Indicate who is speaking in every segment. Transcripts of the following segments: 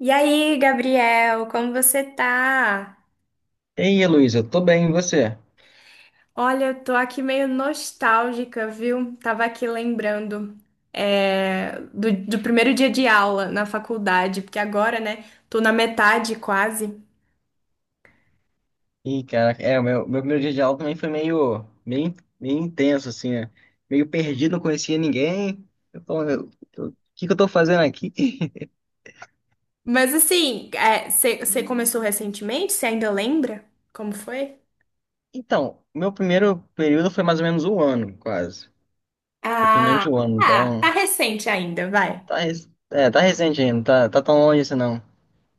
Speaker 1: E aí, Gabriel, como você tá?
Speaker 2: E aí, Luiz, eu tô bem, e você?
Speaker 1: Olha, eu tô aqui meio nostálgica, viu? Tava aqui lembrando do primeiro dia de aula na faculdade, porque agora, né, tô na metade quase.
Speaker 2: Ih, cara, o meu primeiro dia de aula também foi meio intenso, assim, né? Meio perdido, não conhecia ninguém. Eu tô, eu- O que que eu tô fazendo aqui?
Speaker 1: Mas assim, você começou recentemente? Você ainda lembra como foi?
Speaker 2: Então, meu primeiro período foi mais ou menos um ano, quase. Um pouquinho menos
Speaker 1: Ah,
Speaker 2: de um ano,
Speaker 1: ah, tá
Speaker 2: então...
Speaker 1: recente ainda, vai.
Speaker 2: Tá recente ainda, não tá, tá tão longe assim, não.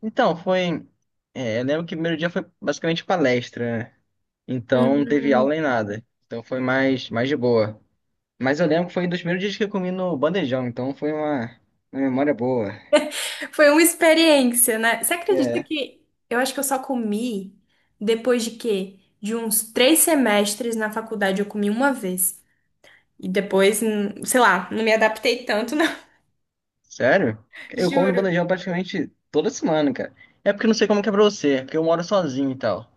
Speaker 2: Então, foi... eu lembro que o primeiro dia foi basicamente palestra, né? Então, não teve aula nem nada. Então, foi mais de boa. Mas eu lembro que foi um dos primeiros dias que eu comi no bandejão, então foi uma memória boa.
Speaker 1: Foi uma experiência, né? Você acredita
Speaker 2: É.
Speaker 1: que eu acho que eu só comi depois de quê? De uns três semestres na faculdade, eu comi uma vez. E depois, sei lá, não me adaptei tanto, não.
Speaker 2: Sério? Eu como no
Speaker 1: Juro.
Speaker 2: bandejão praticamente toda semana, cara. É porque eu não sei como que é pra você, é porque eu moro sozinho e tal.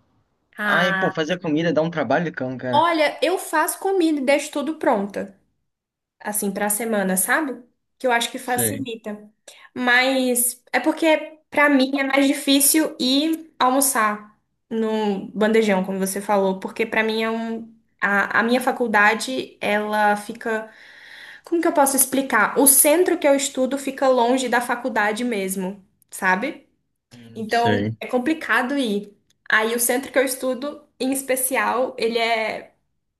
Speaker 2: Ai, pô,
Speaker 1: Ah,
Speaker 2: fazer comida dá um trabalho de cão, cara.
Speaker 1: olha, eu faço comida e deixo tudo pronta. Assim, para a semana, sabe? Que eu acho que
Speaker 2: Sei,
Speaker 1: facilita. Mas é porque para mim é mais difícil ir almoçar no bandejão, como você falou, porque para mim é um a minha faculdade, ela fica, como que eu posso explicar? O centro que eu estudo fica longe da faculdade mesmo, sabe?
Speaker 2: não
Speaker 1: Então
Speaker 2: sei.
Speaker 1: é complicado ir. Aí o centro que eu estudo, em especial, ele é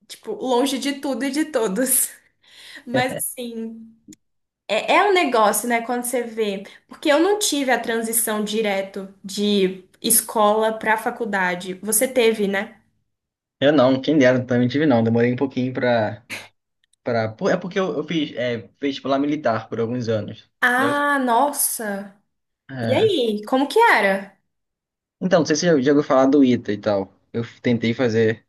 Speaker 1: tipo longe de tudo e de todos. Mas assim, é um negócio, né, quando você vê. Porque eu não tive a transição direto de escola para faculdade. Você teve, né?
Speaker 2: Eu não, quem dera, também tive não. Demorei um pouquinho pra... pra... pô, é porque eu fiz vestibular militar por alguns anos, entendeu?
Speaker 1: Ah, nossa. E
Speaker 2: É.
Speaker 1: aí, como que era?
Speaker 2: Então, não sei se você já ouviu falar do ITA e tal. Eu tentei fazer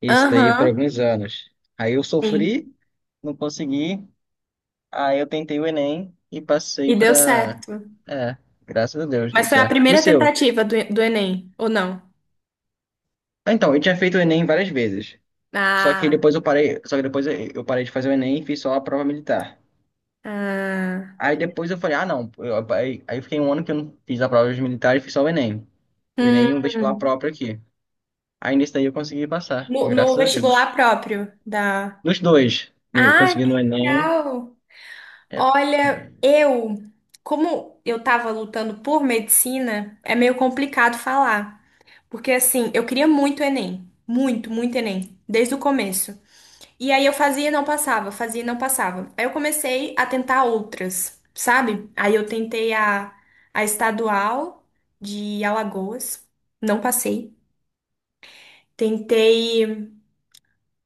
Speaker 2: isso daí por
Speaker 1: Aham,
Speaker 2: alguns anos. Aí eu
Speaker 1: sim.
Speaker 2: sofri, não consegui. Aí eu tentei o Enem e
Speaker 1: E
Speaker 2: passei
Speaker 1: deu
Speaker 2: pra.
Speaker 1: certo.
Speaker 2: É, graças a Deus, deu
Speaker 1: Mas foi a
Speaker 2: certo. E o
Speaker 1: primeira
Speaker 2: seu?
Speaker 1: tentativa do Enem, ou não?
Speaker 2: Ah, então, eu tinha feito o Enem várias vezes. Só que
Speaker 1: Ah,
Speaker 2: depois eu parei, só que depois eu parei de fazer o Enem e fiz só a prova militar.
Speaker 1: ah.
Speaker 2: Aí depois eu falei, ah, não. Aí eu fiquei um ano que eu não fiz a prova de militar e fiz só o Enem. O
Speaker 1: Hum,
Speaker 2: Enem e um vestibular próprio aqui. Aí nesse daí eu consegui passar,
Speaker 1: no
Speaker 2: graças a
Speaker 1: vestibular
Speaker 2: Deus.
Speaker 1: próprio da.
Speaker 2: Nos dois. Eu
Speaker 1: Ah,
Speaker 2: consegui
Speaker 1: que
Speaker 2: no Enem,
Speaker 1: legal!
Speaker 2: é,
Speaker 1: Olha,
Speaker 2: é
Speaker 1: eu, como eu estava lutando por medicina, é meio complicado falar, porque assim, eu queria muito Enem, muito, muito Enem, desde o começo. E aí eu fazia e não passava, fazia e não passava. Aí eu comecei a tentar outras, sabe? Aí eu tentei a estadual de Alagoas, não passei. Tentei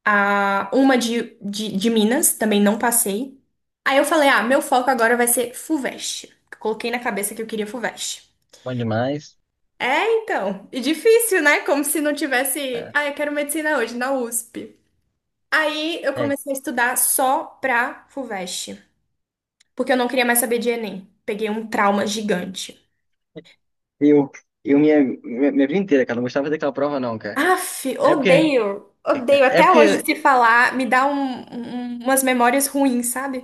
Speaker 1: a uma de Minas, também não passei. Aí eu falei, ah, meu foco agora vai ser FUVEST. Coloquei na cabeça que eu queria FUVEST.
Speaker 2: bom demais.
Speaker 1: É, então, e difícil, né? Como se não tivesse,
Speaker 2: É,
Speaker 1: ah, eu quero medicina hoje, na USP. Aí eu
Speaker 2: É,
Speaker 1: comecei a estudar só pra FUVEST, porque eu não queria mais saber de Enem. Peguei um trauma gigante.
Speaker 2: eu, minha vida inteira, cara, não gostava daquela prova, não, cara.
Speaker 1: Aff,
Speaker 2: É porque,
Speaker 1: odeio, odeio.
Speaker 2: é
Speaker 1: Até hoje,
Speaker 2: porque,
Speaker 1: se falar, me dá umas memórias ruins, sabe?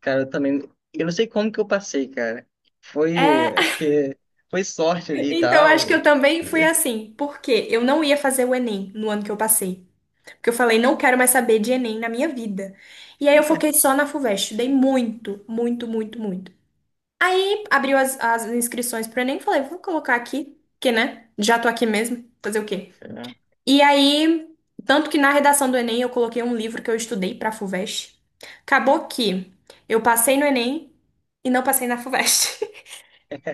Speaker 2: cara, eu também, eu não sei como que eu passei, cara. Foi,
Speaker 1: É,
Speaker 2: acho que foi sorte ali e
Speaker 1: então, acho que
Speaker 2: tal.
Speaker 1: eu também fui assim, porque eu não ia fazer o Enem no ano que eu passei. Porque eu falei, não quero mais saber de Enem na minha vida. E aí eu foquei só na FUVEST, estudei muito, muito, muito, muito. Aí abriu as inscrições pro Enem, falei, vou colocar aqui, que né? Já tô aqui mesmo, fazer o quê?
Speaker 2: É.
Speaker 1: E aí, tanto que na redação do Enem eu coloquei um livro que eu estudei pra FUVEST. Acabou que eu passei no Enem e não passei na FUVEST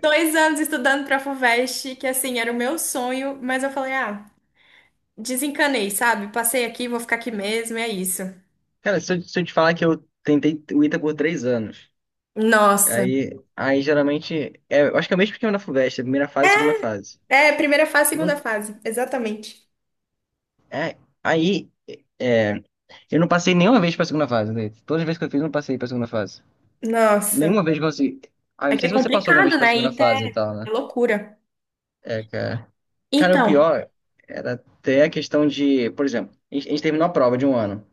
Speaker 1: dois anos estudando pra FUVEST, que assim, era o meu sonho, mas eu falei, ah, desencanei, sabe? Passei aqui, vou ficar aqui mesmo, é isso.
Speaker 2: Cara, se eu te falar que eu tentei o ITA por 3 anos,
Speaker 1: Nossa,
Speaker 2: aí geralmente, eu acho que é o mesmo esquema na FUVEST, é primeira fase, segunda fase.
Speaker 1: é, primeira fase, segunda
Speaker 2: Não-
Speaker 1: fase, exatamente.
Speaker 2: é, aí, é, eu não passei nenhuma vez pra segunda fase, né? Todas as vezes que eu fiz, eu não passei pra segunda fase.
Speaker 1: Nossa.
Speaker 2: Nenhuma vez consegui. Ah, eu
Speaker 1: É
Speaker 2: não
Speaker 1: que
Speaker 2: sei se
Speaker 1: é
Speaker 2: você passou alguma vez
Speaker 1: complicado,
Speaker 2: pra
Speaker 1: né?
Speaker 2: segunda
Speaker 1: ITA
Speaker 2: fase e tal, né?
Speaker 1: é loucura.
Speaker 2: É, cara. Cara, o
Speaker 1: Então,
Speaker 2: pior era até a questão de. Por exemplo, a gente terminou a prova de um ano.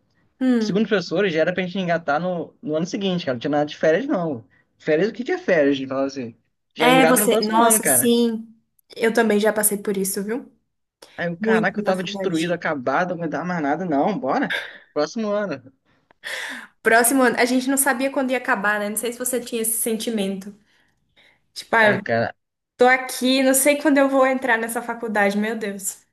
Speaker 2: Segundo os
Speaker 1: hum,
Speaker 2: professores, já era pra gente engatar no ano seguinte, cara. Não tinha nada de férias, não. Férias, o que que é férias? Ele falava assim. Já
Speaker 1: é
Speaker 2: engata no
Speaker 1: você.
Speaker 2: próximo ano,
Speaker 1: Nossa,
Speaker 2: cara.
Speaker 1: sim. Eu também já passei por isso, viu?
Speaker 2: Aí eu,
Speaker 1: Muito
Speaker 2: caraca, eu
Speaker 1: na
Speaker 2: tava destruído,
Speaker 1: Fuvest.
Speaker 2: acabado, não dá mais nada. Não, bora. Próximo ano.
Speaker 1: Próximo ano, a gente não sabia quando ia acabar, né? Não sei se você tinha esse sentimento. Tipo, ah,
Speaker 2: É,
Speaker 1: eu
Speaker 2: cara.
Speaker 1: tô aqui, não sei quando eu vou entrar nessa faculdade, meu Deus.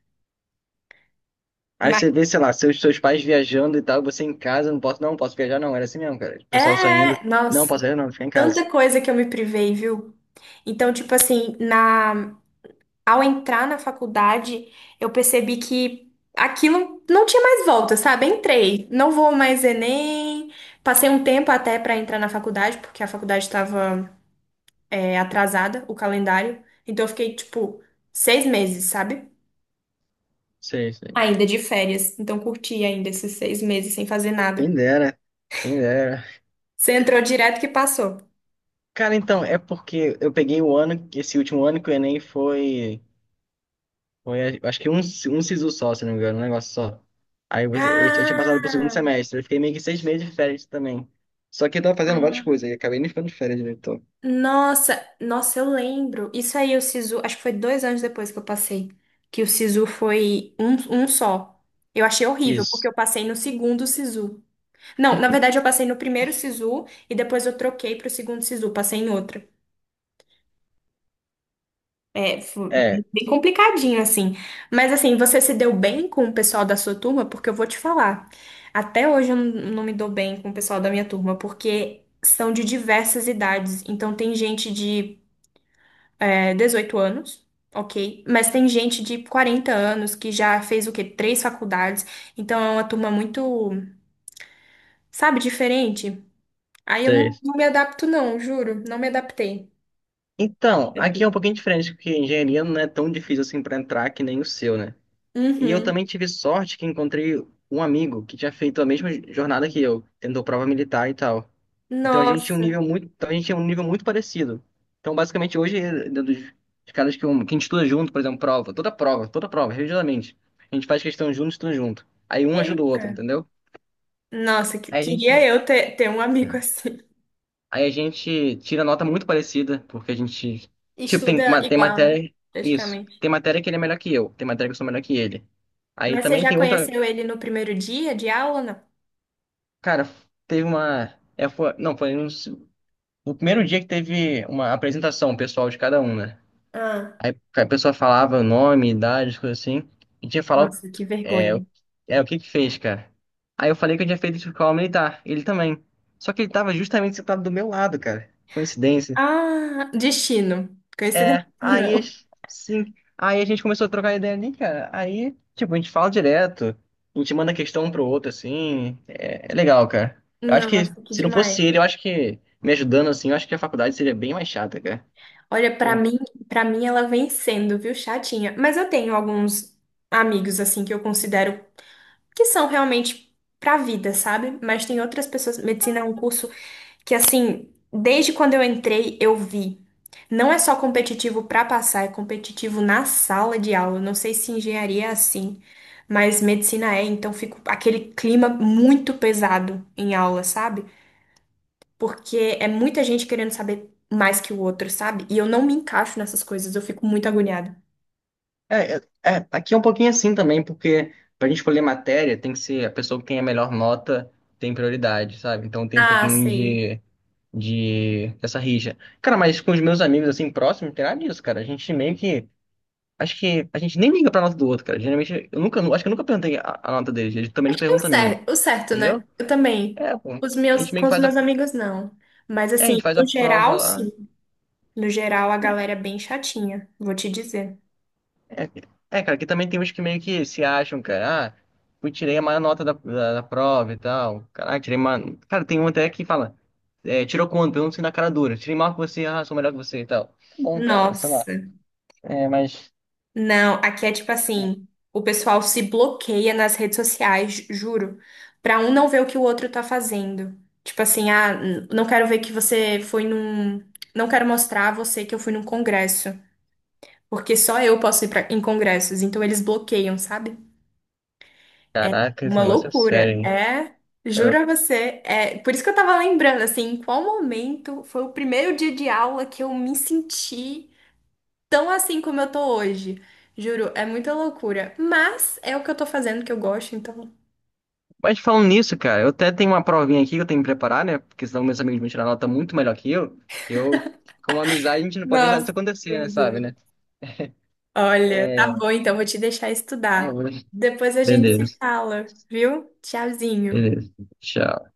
Speaker 2: Aí
Speaker 1: Mas
Speaker 2: você vê, sei lá, seus pais viajando e tal, você em casa, não posso, não, posso viajar, não. Era assim mesmo, cara. O pessoal saindo.
Speaker 1: é,
Speaker 2: Não, posso
Speaker 1: nossa,
Speaker 2: viajar, não, fica em casa.
Speaker 1: tanta coisa que eu me privei, viu? Então, tipo assim, na ao entrar na faculdade, eu percebi que aquilo não tinha mais volta, sabe? Entrei, não vou mais Enem. Passei um tempo até pra entrar na faculdade, porque a faculdade estava atrasada, o calendário. Então, eu fiquei, tipo, seis meses, sabe?
Speaker 2: Sei, sei.
Speaker 1: Ainda de férias. Então, curti ainda esses seis meses sem fazer
Speaker 2: Quem
Speaker 1: nada.
Speaker 2: dera, quem dera.
Speaker 1: Você entrou direto que passou.
Speaker 2: Cara, então, é porque eu peguei o ano, esse último ano que o Enem foi, foi acho que um SISU só, se não me engano, um negócio só. Eu tinha passado pro segundo
Speaker 1: Ah!
Speaker 2: semestre, eu fiquei meio que 6 meses de férias também. Só que eu tava fazendo várias coisas e acabei nem ficando de férias direito.
Speaker 1: Nossa, nossa, eu lembro. Isso aí, o Sisu, acho que foi dois anos depois que eu passei, que o Sisu foi um, um só. Eu achei horrível, porque
Speaker 2: Isso,
Speaker 1: eu passei no segundo Sisu. Não, na verdade, eu passei no primeiro Sisu e depois eu troquei pro segundo Sisu, passei em outro. É, foi
Speaker 2: é,
Speaker 1: bem complicadinho, assim. Mas, assim, você se deu bem com o pessoal da sua turma? Porque eu vou te falar, até hoje eu não me dou bem com o pessoal da minha turma, porque são de diversas idades. Então, tem gente de é, 18 anos, ok? Mas tem gente de 40 anos que já fez o quê? Três faculdades. Então é uma turma muito, sabe, diferente. Aí eu
Speaker 2: sei.
Speaker 1: não, não me adapto, não, juro. Não me adaptei.
Speaker 2: Então, aqui
Speaker 1: É.
Speaker 2: é um pouquinho diferente, porque engenharia não é tão difícil assim pra entrar que nem o seu, né? E eu
Speaker 1: Uhum.
Speaker 2: também tive sorte que encontrei um amigo que tinha feito a mesma jornada que eu, tentou prova militar e tal.
Speaker 1: Nossa.
Speaker 2: Então a gente tinha um nível muito parecido. Então basicamente hoje dentro dos caras que, que a gente estuda junto, por exemplo, prova, toda prova, religiosamente, a gente faz questão junto, estuda junto. Aí um ajuda o
Speaker 1: Eita.
Speaker 2: outro, entendeu?
Speaker 1: Nossa,
Speaker 2: Aí a
Speaker 1: queria
Speaker 2: gente,
Speaker 1: eu ter, ter um amigo assim.
Speaker 2: aí a gente tira nota muito parecida, porque a gente, tipo,
Speaker 1: Estuda
Speaker 2: tem
Speaker 1: igual, né?
Speaker 2: matéria, isso,
Speaker 1: Praticamente.
Speaker 2: tem matéria que ele é melhor que eu, tem matéria que eu sou melhor que ele. Aí
Speaker 1: Mas você
Speaker 2: também
Speaker 1: já
Speaker 2: tem outra,
Speaker 1: conheceu ele no primeiro dia de aula, ou não?
Speaker 2: cara, teve uma, é, foi, não, foi um- o primeiro dia que teve uma apresentação pessoal de cada um, né?
Speaker 1: Ah,
Speaker 2: Aí a pessoa falava o nome, idade, coisa assim. E tinha que falar
Speaker 1: nossa, que
Speaker 2: é, o-
Speaker 1: vergonha.
Speaker 2: o que que fez, cara. Aí eu falei que eu tinha feito escola militar. Ele também. Só que ele tava justamente sentado do meu lado, cara. Coincidência.
Speaker 1: Ah, destino. Coincidência, não.
Speaker 2: Sim. Aí a gente começou a trocar ideia ali, cara. Aí, tipo, a gente fala direto. A gente manda questão um pro outro, assim. É, é legal, cara. Eu acho que
Speaker 1: Nossa, que
Speaker 2: se não
Speaker 1: demais.
Speaker 2: fosse ele, eu acho que me ajudando assim, eu acho que a faculdade seria bem mais chata, cara.
Speaker 1: Olha, pra mim, para mim ela vem sendo, viu, chatinha. Mas eu tenho alguns amigos assim que eu considero que são realmente pra vida, sabe? Mas tem outras pessoas, medicina é um curso que assim, desde quando eu entrei, eu vi. Não é só competitivo pra passar, é competitivo na sala de aula. Eu não sei se engenharia é assim, mas medicina é, então fica aquele clima muito pesado em aula, sabe? Porque é muita gente querendo saber mais que o outro, sabe? E eu não me encaixo nessas coisas, eu fico muito agoniada.
Speaker 2: Tá, aqui é um pouquinho assim também, porque pra gente escolher matéria, tem que ser a pessoa que tem a melhor nota tem prioridade, sabe? Então tem um
Speaker 1: Ah,
Speaker 2: pouquinho
Speaker 1: sei.
Speaker 2: de dessa rixa. Cara, mas com os meus amigos assim próximos, não tem nada disso, cara. A gente meio que. Acho que a gente nem liga pra nota do outro, cara. Geralmente, eu nunca, acho que eu nunca perguntei a nota deles. Eles também não
Speaker 1: Acho que é
Speaker 2: perguntam a minha,
Speaker 1: o certo,
Speaker 2: entendeu?
Speaker 1: né? Eu também.
Speaker 2: É, pô.
Speaker 1: Os
Speaker 2: A
Speaker 1: meus,
Speaker 2: gente meio
Speaker 1: com
Speaker 2: que
Speaker 1: os
Speaker 2: faz a.
Speaker 1: meus amigos, não. Mas
Speaker 2: É, a
Speaker 1: assim,
Speaker 2: gente faz a
Speaker 1: no
Speaker 2: prova
Speaker 1: geral,
Speaker 2: lá.
Speaker 1: sim. No geral, a galera é bem chatinha, vou te dizer.
Speaker 2: Cara, que também tem uns que meio que se acham, cara. Ah, eu tirei a maior nota da prova e tal. Caraca, tirei uma. Cara, tem um até que fala. É, tirou quanto? Eu não sei na cara dura. Tirei maior que você, ah, sou melhor que você e tal. Tá bom, cara, sei lá.
Speaker 1: Nossa.
Speaker 2: É, mas.
Speaker 1: Não, aqui é tipo assim, o pessoal se bloqueia nas redes sociais, juro, pra um não ver o que o outro tá fazendo. Tipo assim, ah, não quero ver que você foi num, não quero mostrar a você que eu fui num congresso, porque só eu posso ir pra, em congressos, então eles bloqueiam, sabe?
Speaker 2: Caraca, esse
Speaker 1: Uma
Speaker 2: negócio é sério,
Speaker 1: loucura.
Speaker 2: hein?
Speaker 1: É,
Speaker 2: Eu-
Speaker 1: juro a você, é, por isso que eu tava lembrando assim, em qual momento foi o primeiro dia de aula que eu me senti tão assim como eu tô hoje. Juro, é muita loucura. Mas é o que eu tô fazendo que eu gosto, então.
Speaker 2: Mas falando nisso, cara, eu até tenho uma provinha aqui que eu tenho que preparar, né? Porque senão meus amigos vão tirar nota muito melhor que eu. Que eu, como amizade, a gente não pode deixar isso
Speaker 1: Nossa,
Speaker 2: acontecer, né?
Speaker 1: meu
Speaker 2: Sabe,
Speaker 1: Deus.
Speaker 2: né?
Speaker 1: Olha, tá
Speaker 2: É.
Speaker 1: bom, então vou te deixar
Speaker 2: Ai, eu
Speaker 1: estudar.
Speaker 2: vou.
Speaker 1: Depois a gente se
Speaker 2: Beleza,
Speaker 1: fala, viu? Tchauzinho.
Speaker 2: beleza. Tchau.